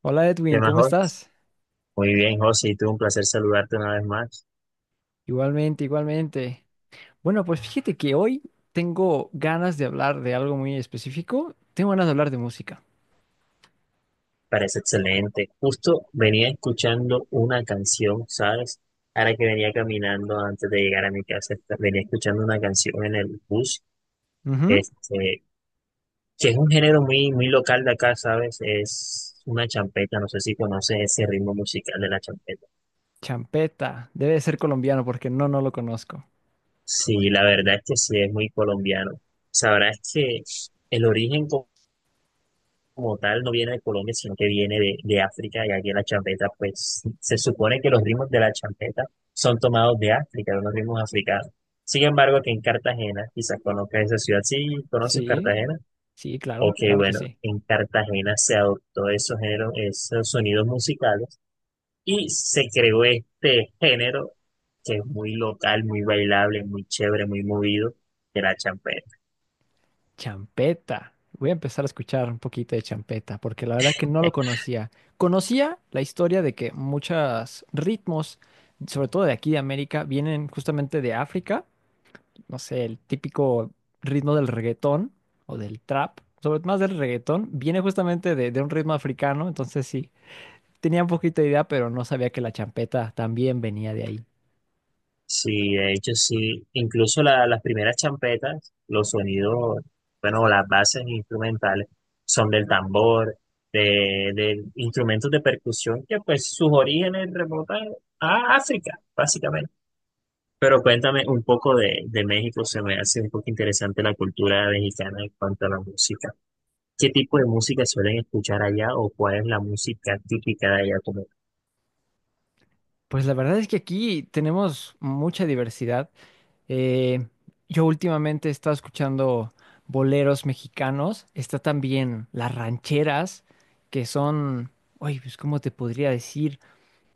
Hola ¿Qué Edwin, más, ¿cómo Jos? estás? Muy bien, José, y tú un placer saludarte una vez más. Igualmente, igualmente. Bueno, pues fíjate que hoy tengo ganas de hablar de algo muy específico. Tengo ganas de hablar de música. Parece excelente. Justo venía escuchando una canción, ¿sabes? Ahora que venía caminando antes de llegar a mi casa, venía escuchando una canción en el bus, Ujú. este, que es un género muy, muy local de acá, ¿sabes? Es una champeta, no sé si conoces ese ritmo musical de la champeta. Champeta. Debe de ser colombiano porque no lo conozco. Sí, la verdad es que sí, es muy colombiano. Sabrás que el origen como tal no viene de Colombia, sino que viene de África, y aquí en la champeta, pues se supone que los ritmos de la champeta son tomados de África, de unos ritmos africanos. Sin embargo, que en Cartagena, quizás conozcas esa ciudad, si ¿conoces Sí, Cartagena? sí, claro, Ok, claro que bueno, sí. en Cartagena se adoptó esos géneros, esos sonidos musicales y se creó este género que es muy local, muy bailable, muy chévere, muy movido, de la champeta. Champeta. Voy a empezar a escuchar un poquito de champeta porque la verdad que no lo conocía. Conocía la historia de que muchos ritmos, sobre todo de aquí de América, vienen justamente de África, no sé, el típico ritmo del reggaetón o del trap, sobre todo más del reggaetón, viene justamente de un ritmo africano. Entonces sí, tenía un poquito de idea, pero no sabía que la champeta también venía de ahí. Sí, de hecho sí, incluso las primeras champetas, los sonidos, bueno, las bases instrumentales son del tambor, de instrumentos de percusión que pues sus orígenes remontan a África, básicamente. Pero cuéntame un poco de México, se me hace un poco interesante la cultura mexicana en cuanto a la música. ¿Qué tipo de Mm, música suelen escuchar allá o cuál es la música típica de allá? pues la verdad es que aquí tenemos mucha diversidad. Eh, yo últimamente he estado escuchando boleros mexicanos, está también las rancheras, que son, oye, pues ¿cómo te podría decir?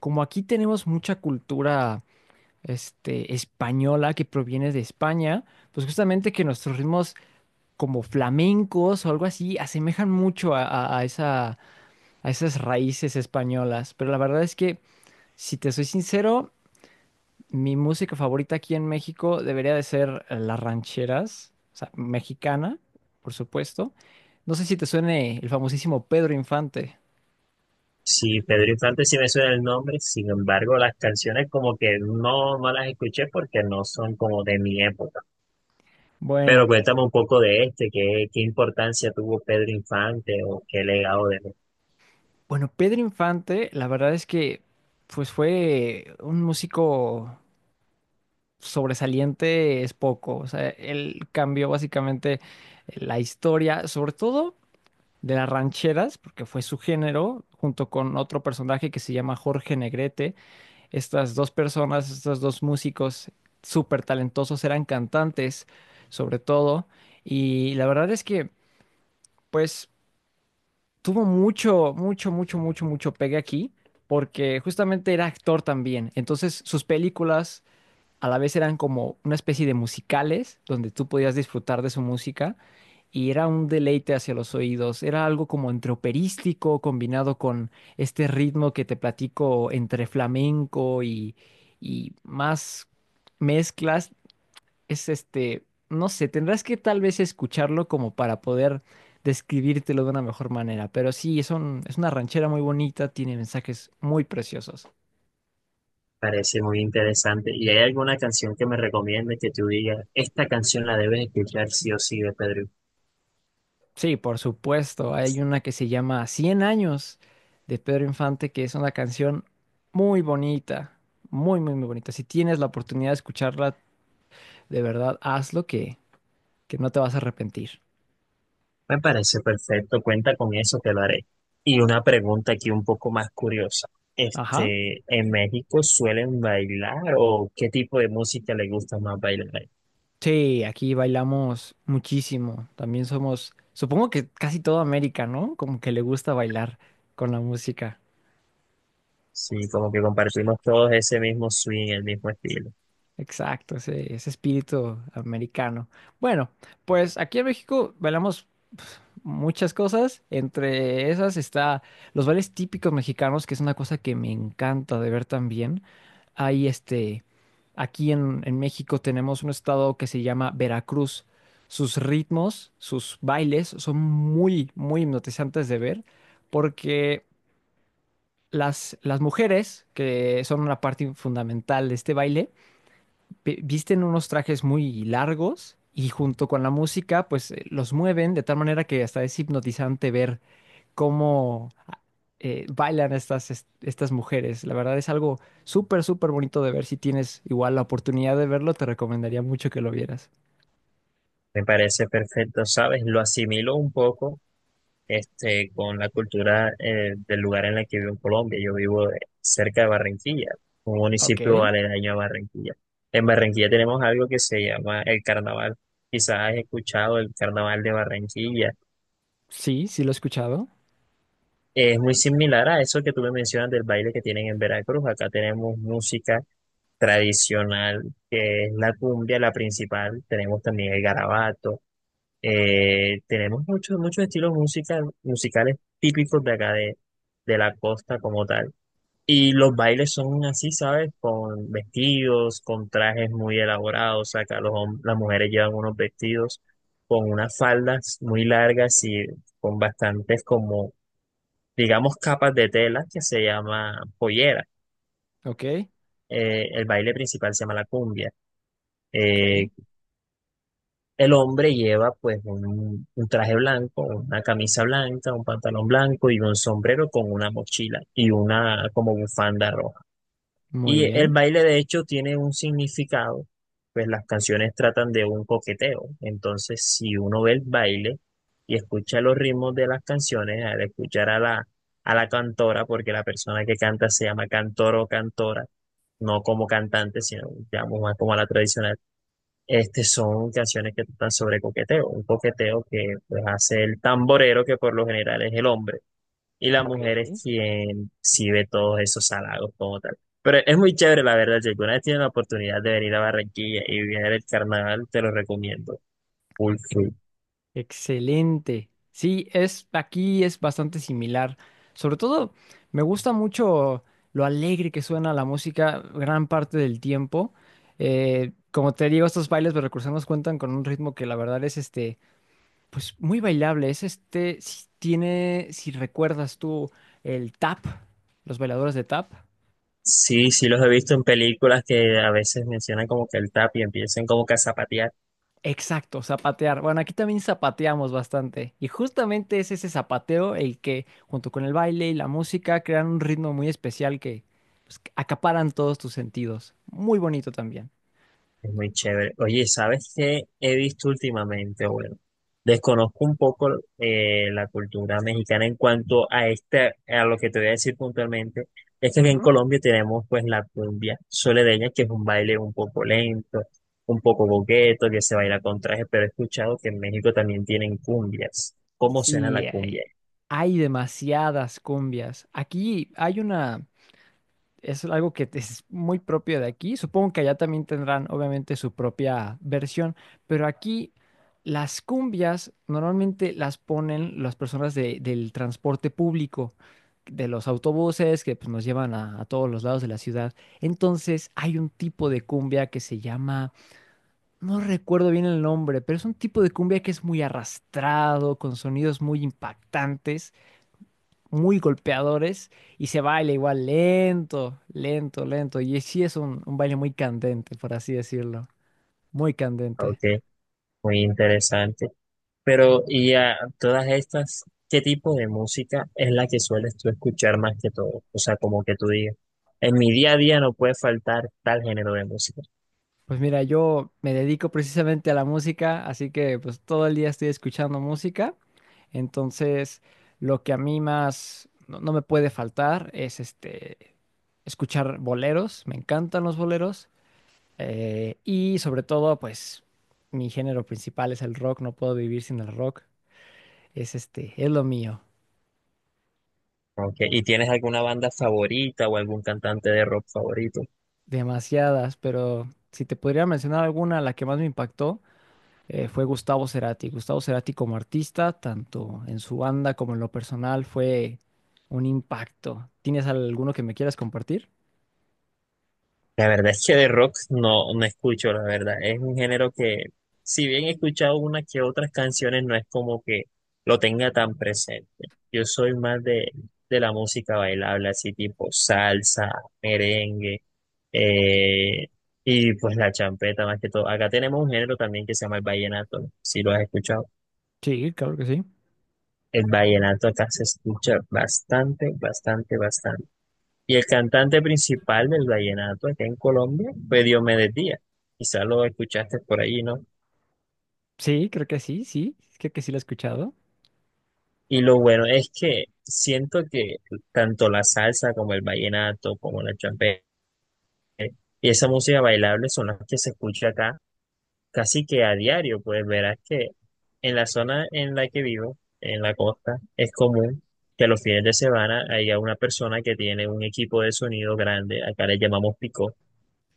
Como aquí tenemos mucha cultura española, que proviene de España, pues justamente que nuestros ritmos como flamencos o algo así asemejan mucho a, a esa, a esas raíces españolas. Pero la verdad es que, si te soy sincero, mi música favorita aquí en México debería de ser las rancheras, o sea, mexicana, por supuesto. No sé si te suene el famosísimo Pedro Infante. Sí, Pedro Infante sí me suena el nombre, sin embargo, las canciones como que no, no las escuché porque no son como de mi época. Pero Bueno, cuéntame un poco de este, qué, qué importancia tuvo Pedro Infante o qué legado de él. bueno, Pedro Infante, la verdad es que pues fue un músico sobresaliente es poco. O sea, él cambió básicamente la historia, sobre todo de las rancheras, porque fue su género, junto con otro personaje que se llama Jorge Negrete. Estas dos personas, estos dos músicos súper talentosos, eran cantantes, sobre todo. Y la verdad es que, pues, tuvo mucho, mucho, mucho, mucho, mucho pegue aquí. Porque justamente era actor también. Entonces, sus películas a la vez eran como una especie de musicales donde tú podías disfrutar de su música y era un deleite hacia los oídos. Era algo como entre operístico combinado con este ritmo que te platico, entre flamenco y más mezclas. Es este, no sé, tendrás que tal vez escucharlo como para poder describírtelo de una mejor manera. Pero sí, es una ranchera muy bonita, tiene mensajes muy preciosos. Parece muy interesante. ¿Y hay alguna canción que me recomiendes que tú digas, esta canción la debes escuchar sí o sí de Pedro? Sí, por supuesto. Hay una que se llama Cien años de Pedro Infante, que es una canción muy bonita, muy, muy, muy bonita. Si tienes la oportunidad de escucharla, de verdad, hazlo, que no te vas a arrepentir. Me parece perfecto, cuenta con eso, te lo haré. Y una pregunta aquí un poco más curiosa. Ajá. Este, ¿en México suelen bailar o qué tipo de música les gusta más bailar ahí? Sí, aquí bailamos muchísimo. También somos, supongo que casi toda América, ¿no? Como que le gusta bailar con la música. Sí, como que compartimos todos ese mismo swing, el mismo estilo. Exacto, ese espíritu americano. Bueno, pues aquí en México bailamos muchas cosas. Entre esas está los bailes típicos mexicanos, que es una cosa que me encanta de ver también. Hay este, aquí en México tenemos un estado que se llama Veracruz. Sus ritmos, sus bailes son muy, muy hipnotizantes de ver, porque las mujeres, que son una parte fundamental de este baile, visten unos trajes muy largos y junto con la música, pues los mueven de tal manera que hasta es hipnotizante ver cómo bailan estas, estas mujeres. La verdad es algo súper, súper bonito de ver. Si tienes igual la oportunidad de verlo, te recomendaría mucho que lo vieras. Me parece perfecto, ¿sabes? Lo asimilo un poco este, con la cultura del lugar en el que vivo en Colombia. Yo vivo cerca de Barranquilla, un municipio Ok. aledaño a Barranquilla. En Barranquilla tenemos algo que se llama el carnaval. Quizás has escuchado el carnaval de Barranquilla. Sí, sí lo he escuchado. Es muy similar a eso que tú me mencionas del baile que tienen en Veracruz. Acá tenemos música tradicional, que es la cumbia, la principal. Tenemos también el garabato. Tenemos muchos muchos estilos musical, musicales típicos de acá de la costa como tal. Y los bailes son así, ¿sabes? Con vestidos, con trajes muy elaborados. O sea, acá los, las mujeres llevan unos vestidos con unas faldas muy largas y con bastantes como, digamos, capas de tela que se llama pollera. Ok, El baile principal se llama la cumbia. Eh, ok. El hombre lleva pues un traje blanco, una camisa blanca, un pantalón blanco y un sombrero con una mochila y una como bufanda roja. Muy Y el bien. baile de hecho tiene un significado, pues las canciones tratan de un coqueteo. Entonces, si uno ve el baile y escucha los ritmos de las canciones, al escuchar a la cantora, porque la persona que canta se llama cantor o cantora, no como cantante, sino digamos más como a la tradicional, este son canciones que tratan sobre coqueteo, un coqueteo que pues, hace el tamborero, que por lo general es el hombre, y la Ok. mujer es E- quien sí ve todos esos halagos como tal. Pero es muy chévere, la verdad. Si alguna vez tienes la oportunidad de venir a Barranquilla y vivir el carnaval, te lo recomiendo. Full, full. Excelente. Sí, es aquí es bastante similar. Sobre todo, me gusta mucho lo alegre que suena la música gran parte del tiempo. Como te digo, estos bailes de recursos nos cuentan con un ritmo que la verdad es este. Pues muy bailable, es este, si tiene, si recuerdas tú el tap, los bailadores de tap. Sí, sí los he visto en películas que a veces mencionan como que el tap y empiezan como que a zapatear. Exacto, zapatear. Bueno, aquí también zapateamos bastante. Y justamente es ese zapateo el que, junto con el baile y la música, crean un ritmo muy especial que pues, que acaparan todos tus sentidos. Muy bonito también. Es muy chévere. Oye, ¿sabes qué he visto últimamente? Bueno, desconozco un poco la cultura mexicana en cuanto a este, a lo que te voy a decir puntualmente. Es que aquí en Ujú. Colombia tenemos pues la cumbia soledeña, que es un baile un poco lento, un poco boqueto, que se baila con traje, pero he escuchado que en México también tienen cumbias. ¿Cómo suena la Sí, cumbia? hay demasiadas cumbias. Aquí hay una. Es algo que es muy propio de aquí. Supongo que allá también tendrán, obviamente, su propia versión, pero aquí las cumbias normalmente las ponen las personas del transporte público, de los autobuses que pues, nos llevan a todos los lados de la ciudad. Entonces hay un tipo de cumbia que se llama, no recuerdo bien el nombre, pero es un tipo de cumbia que es muy arrastrado, con sonidos muy impactantes, muy golpeadores y se baila igual lento, lento, lento. Y sí es un baile muy candente, por así decirlo. Muy candente. Ok, muy interesante. Pero, y a todas estas, ¿qué tipo de música es la que sueles tú escuchar más que todo? O sea, como que tú digas, en mi día a día no puede faltar tal género de música. Pues mira, yo me dedico precisamente a la música, así que pues todo el día estoy escuchando música. Entonces, lo que a mí más no me puede faltar es este escuchar boleros. Me encantan los boleros. Y sobre todo, pues mi género principal es el rock. No puedo vivir sin el rock. Es este, es lo mío. Ok, ¿y tienes alguna banda favorita o algún cantante de rock favorito? Demasiadas, pero si te podría mencionar alguna, la que más me impactó, fue Gustavo Cerati. Gustavo Cerati como artista, tanto en su banda como en lo personal, fue un impacto. ¿Tienes alguno que me quieras compartir? La verdad es que de rock no, no escucho, la verdad. Es un género que, si bien he escuchado unas que otras canciones, no es como que lo tenga tan presente. Yo soy más de la música bailable, así tipo salsa, merengue, eh, y pues la champeta más que todo. Acá tenemos un género también que se llama el vallenato, ¿no? Si lo has escuchado. Sí, claro que sí. El vallenato acá se escucha bastante, bastante, bastante. Y el cantante principal del vallenato acá en Colombia fue Diomedes Díaz. Quizás lo escuchaste por ahí, ¿no? Sí, creo que sí, sí, creo que sí lo he escuchado. Y lo bueno es que siento que tanto la salsa como el vallenato, como la champeta y esa música bailable son las que se escucha acá casi que a diario. Pues verás que en la zona en la que vivo, en la costa, es común que los fines de semana haya una persona que tiene un equipo de sonido grande, acá le llamamos picó,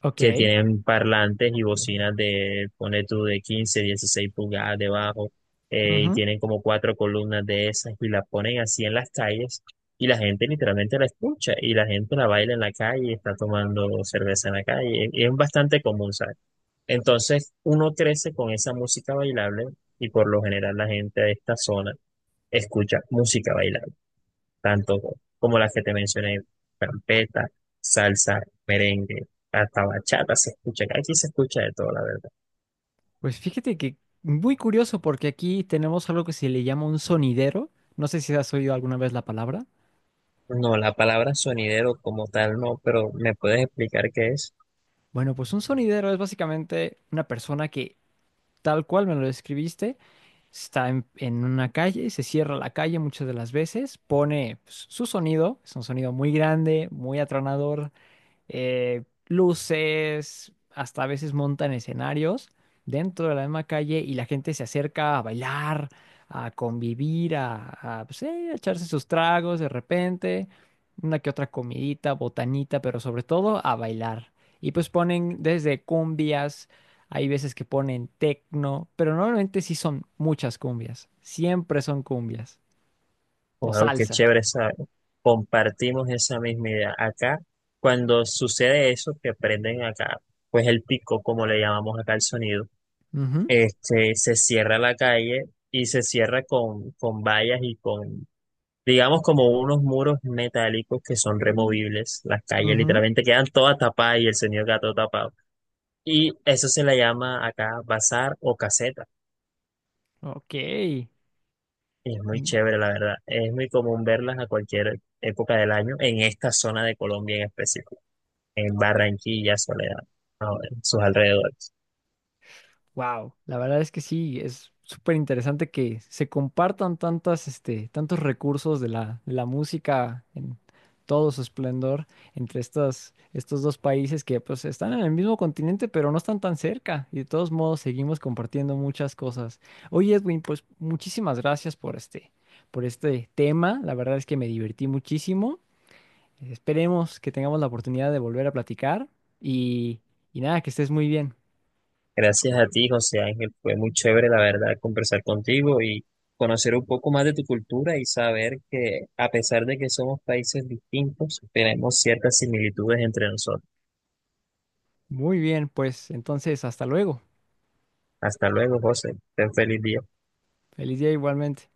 Ok. que tienen parlantes y bocinas de, pone tú, de 15 16 pulgadas debajo, y Ujú. tienen como 4 columnas de esas y las ponen así en las calles y la gente literalmente la escucha y la gente la baila en la calle, está tomando cerveza en la calle, y es bastante común, ¿sabes? Entonces uno crece con esa música bailable y por lo general la gente de esta zona escucha música bailable tanto como las que te mencioné, carpeta, salsa, merengue, hasta bachata se escucha, que aquí se escucha de todo, la verdad. Pues fíjate que muy curioso porque aquí tenemos algo que se le llama un sonidero. No sé si has oído alguna vez la palabra. No, la palabra sonidero como tal no, pero ¿me puedes explicar qué es? Bueno, pues un sonidero es básicamente una persona que, tal cual me lo describiste, está en una calle, se cierra la calle muchas de las veces, pone pues, su sonido, es un sonido muy grande, muy atronador, luces, hasta a veces montan escenarios dentro de la misma calle y la gente se acerca a bailar, a convivir, a, pues, sí, a echarse sus tragos de repente, una que otra comidita, botanita, pero sobre todo a bailar. Y pues ponen desde cumbias, hay veces que ponen tecno, pero normalmente sí son muchas cumbias, siempre son cumbias o O algo que es salsa. chévere, ¿sabes? Compartimos esa misma idea. Acá, cuando sucede eso, que prenden acá, pues el pico, como le llamamos acá el sonido, Ujú, este, se cierra la calle y se cierra con vallas y con, digamos, como unos muros metálicos que son removibles. Las calles ujú. literalmente quedan todas tapadas y el señor gato tapado. Y eso se le llama acá bazar o caseta. Ok. Y es muy chévere, la verdad. Es muy común verlas a cualquier época del año en esta zona de Colombia en específico, en Barranquilla, Soledad, en sus alrededores. Wow, la verdad es que sí, es súper interesante que se compartan tantas, este, tantos recursos de la música en todo su esplendor entre estas, estos dos países que pues están en el mismo continente, pero no están tan cerca y de todos modos seguimos compartiendo muchas cosas. Oye, Edwin, pues muchísimas gracias por este tema. La verdad es que me divertí muchísimo. Esperemos que tengamos la oportunidad de volver a platicar y, y nada, que estés muy bien. Gracias a ti, José Ángel. Fue muy chévere, la verdad, conversar contigo y conocer un poco más de tu cultura y saber que a pesar de que somos países distintos, tenemos ciertas similitudes entre nosotros. Muy bien, pues entonces hasta luego. Hasta luego, José. Ten feliz día. Feliz día igualmente.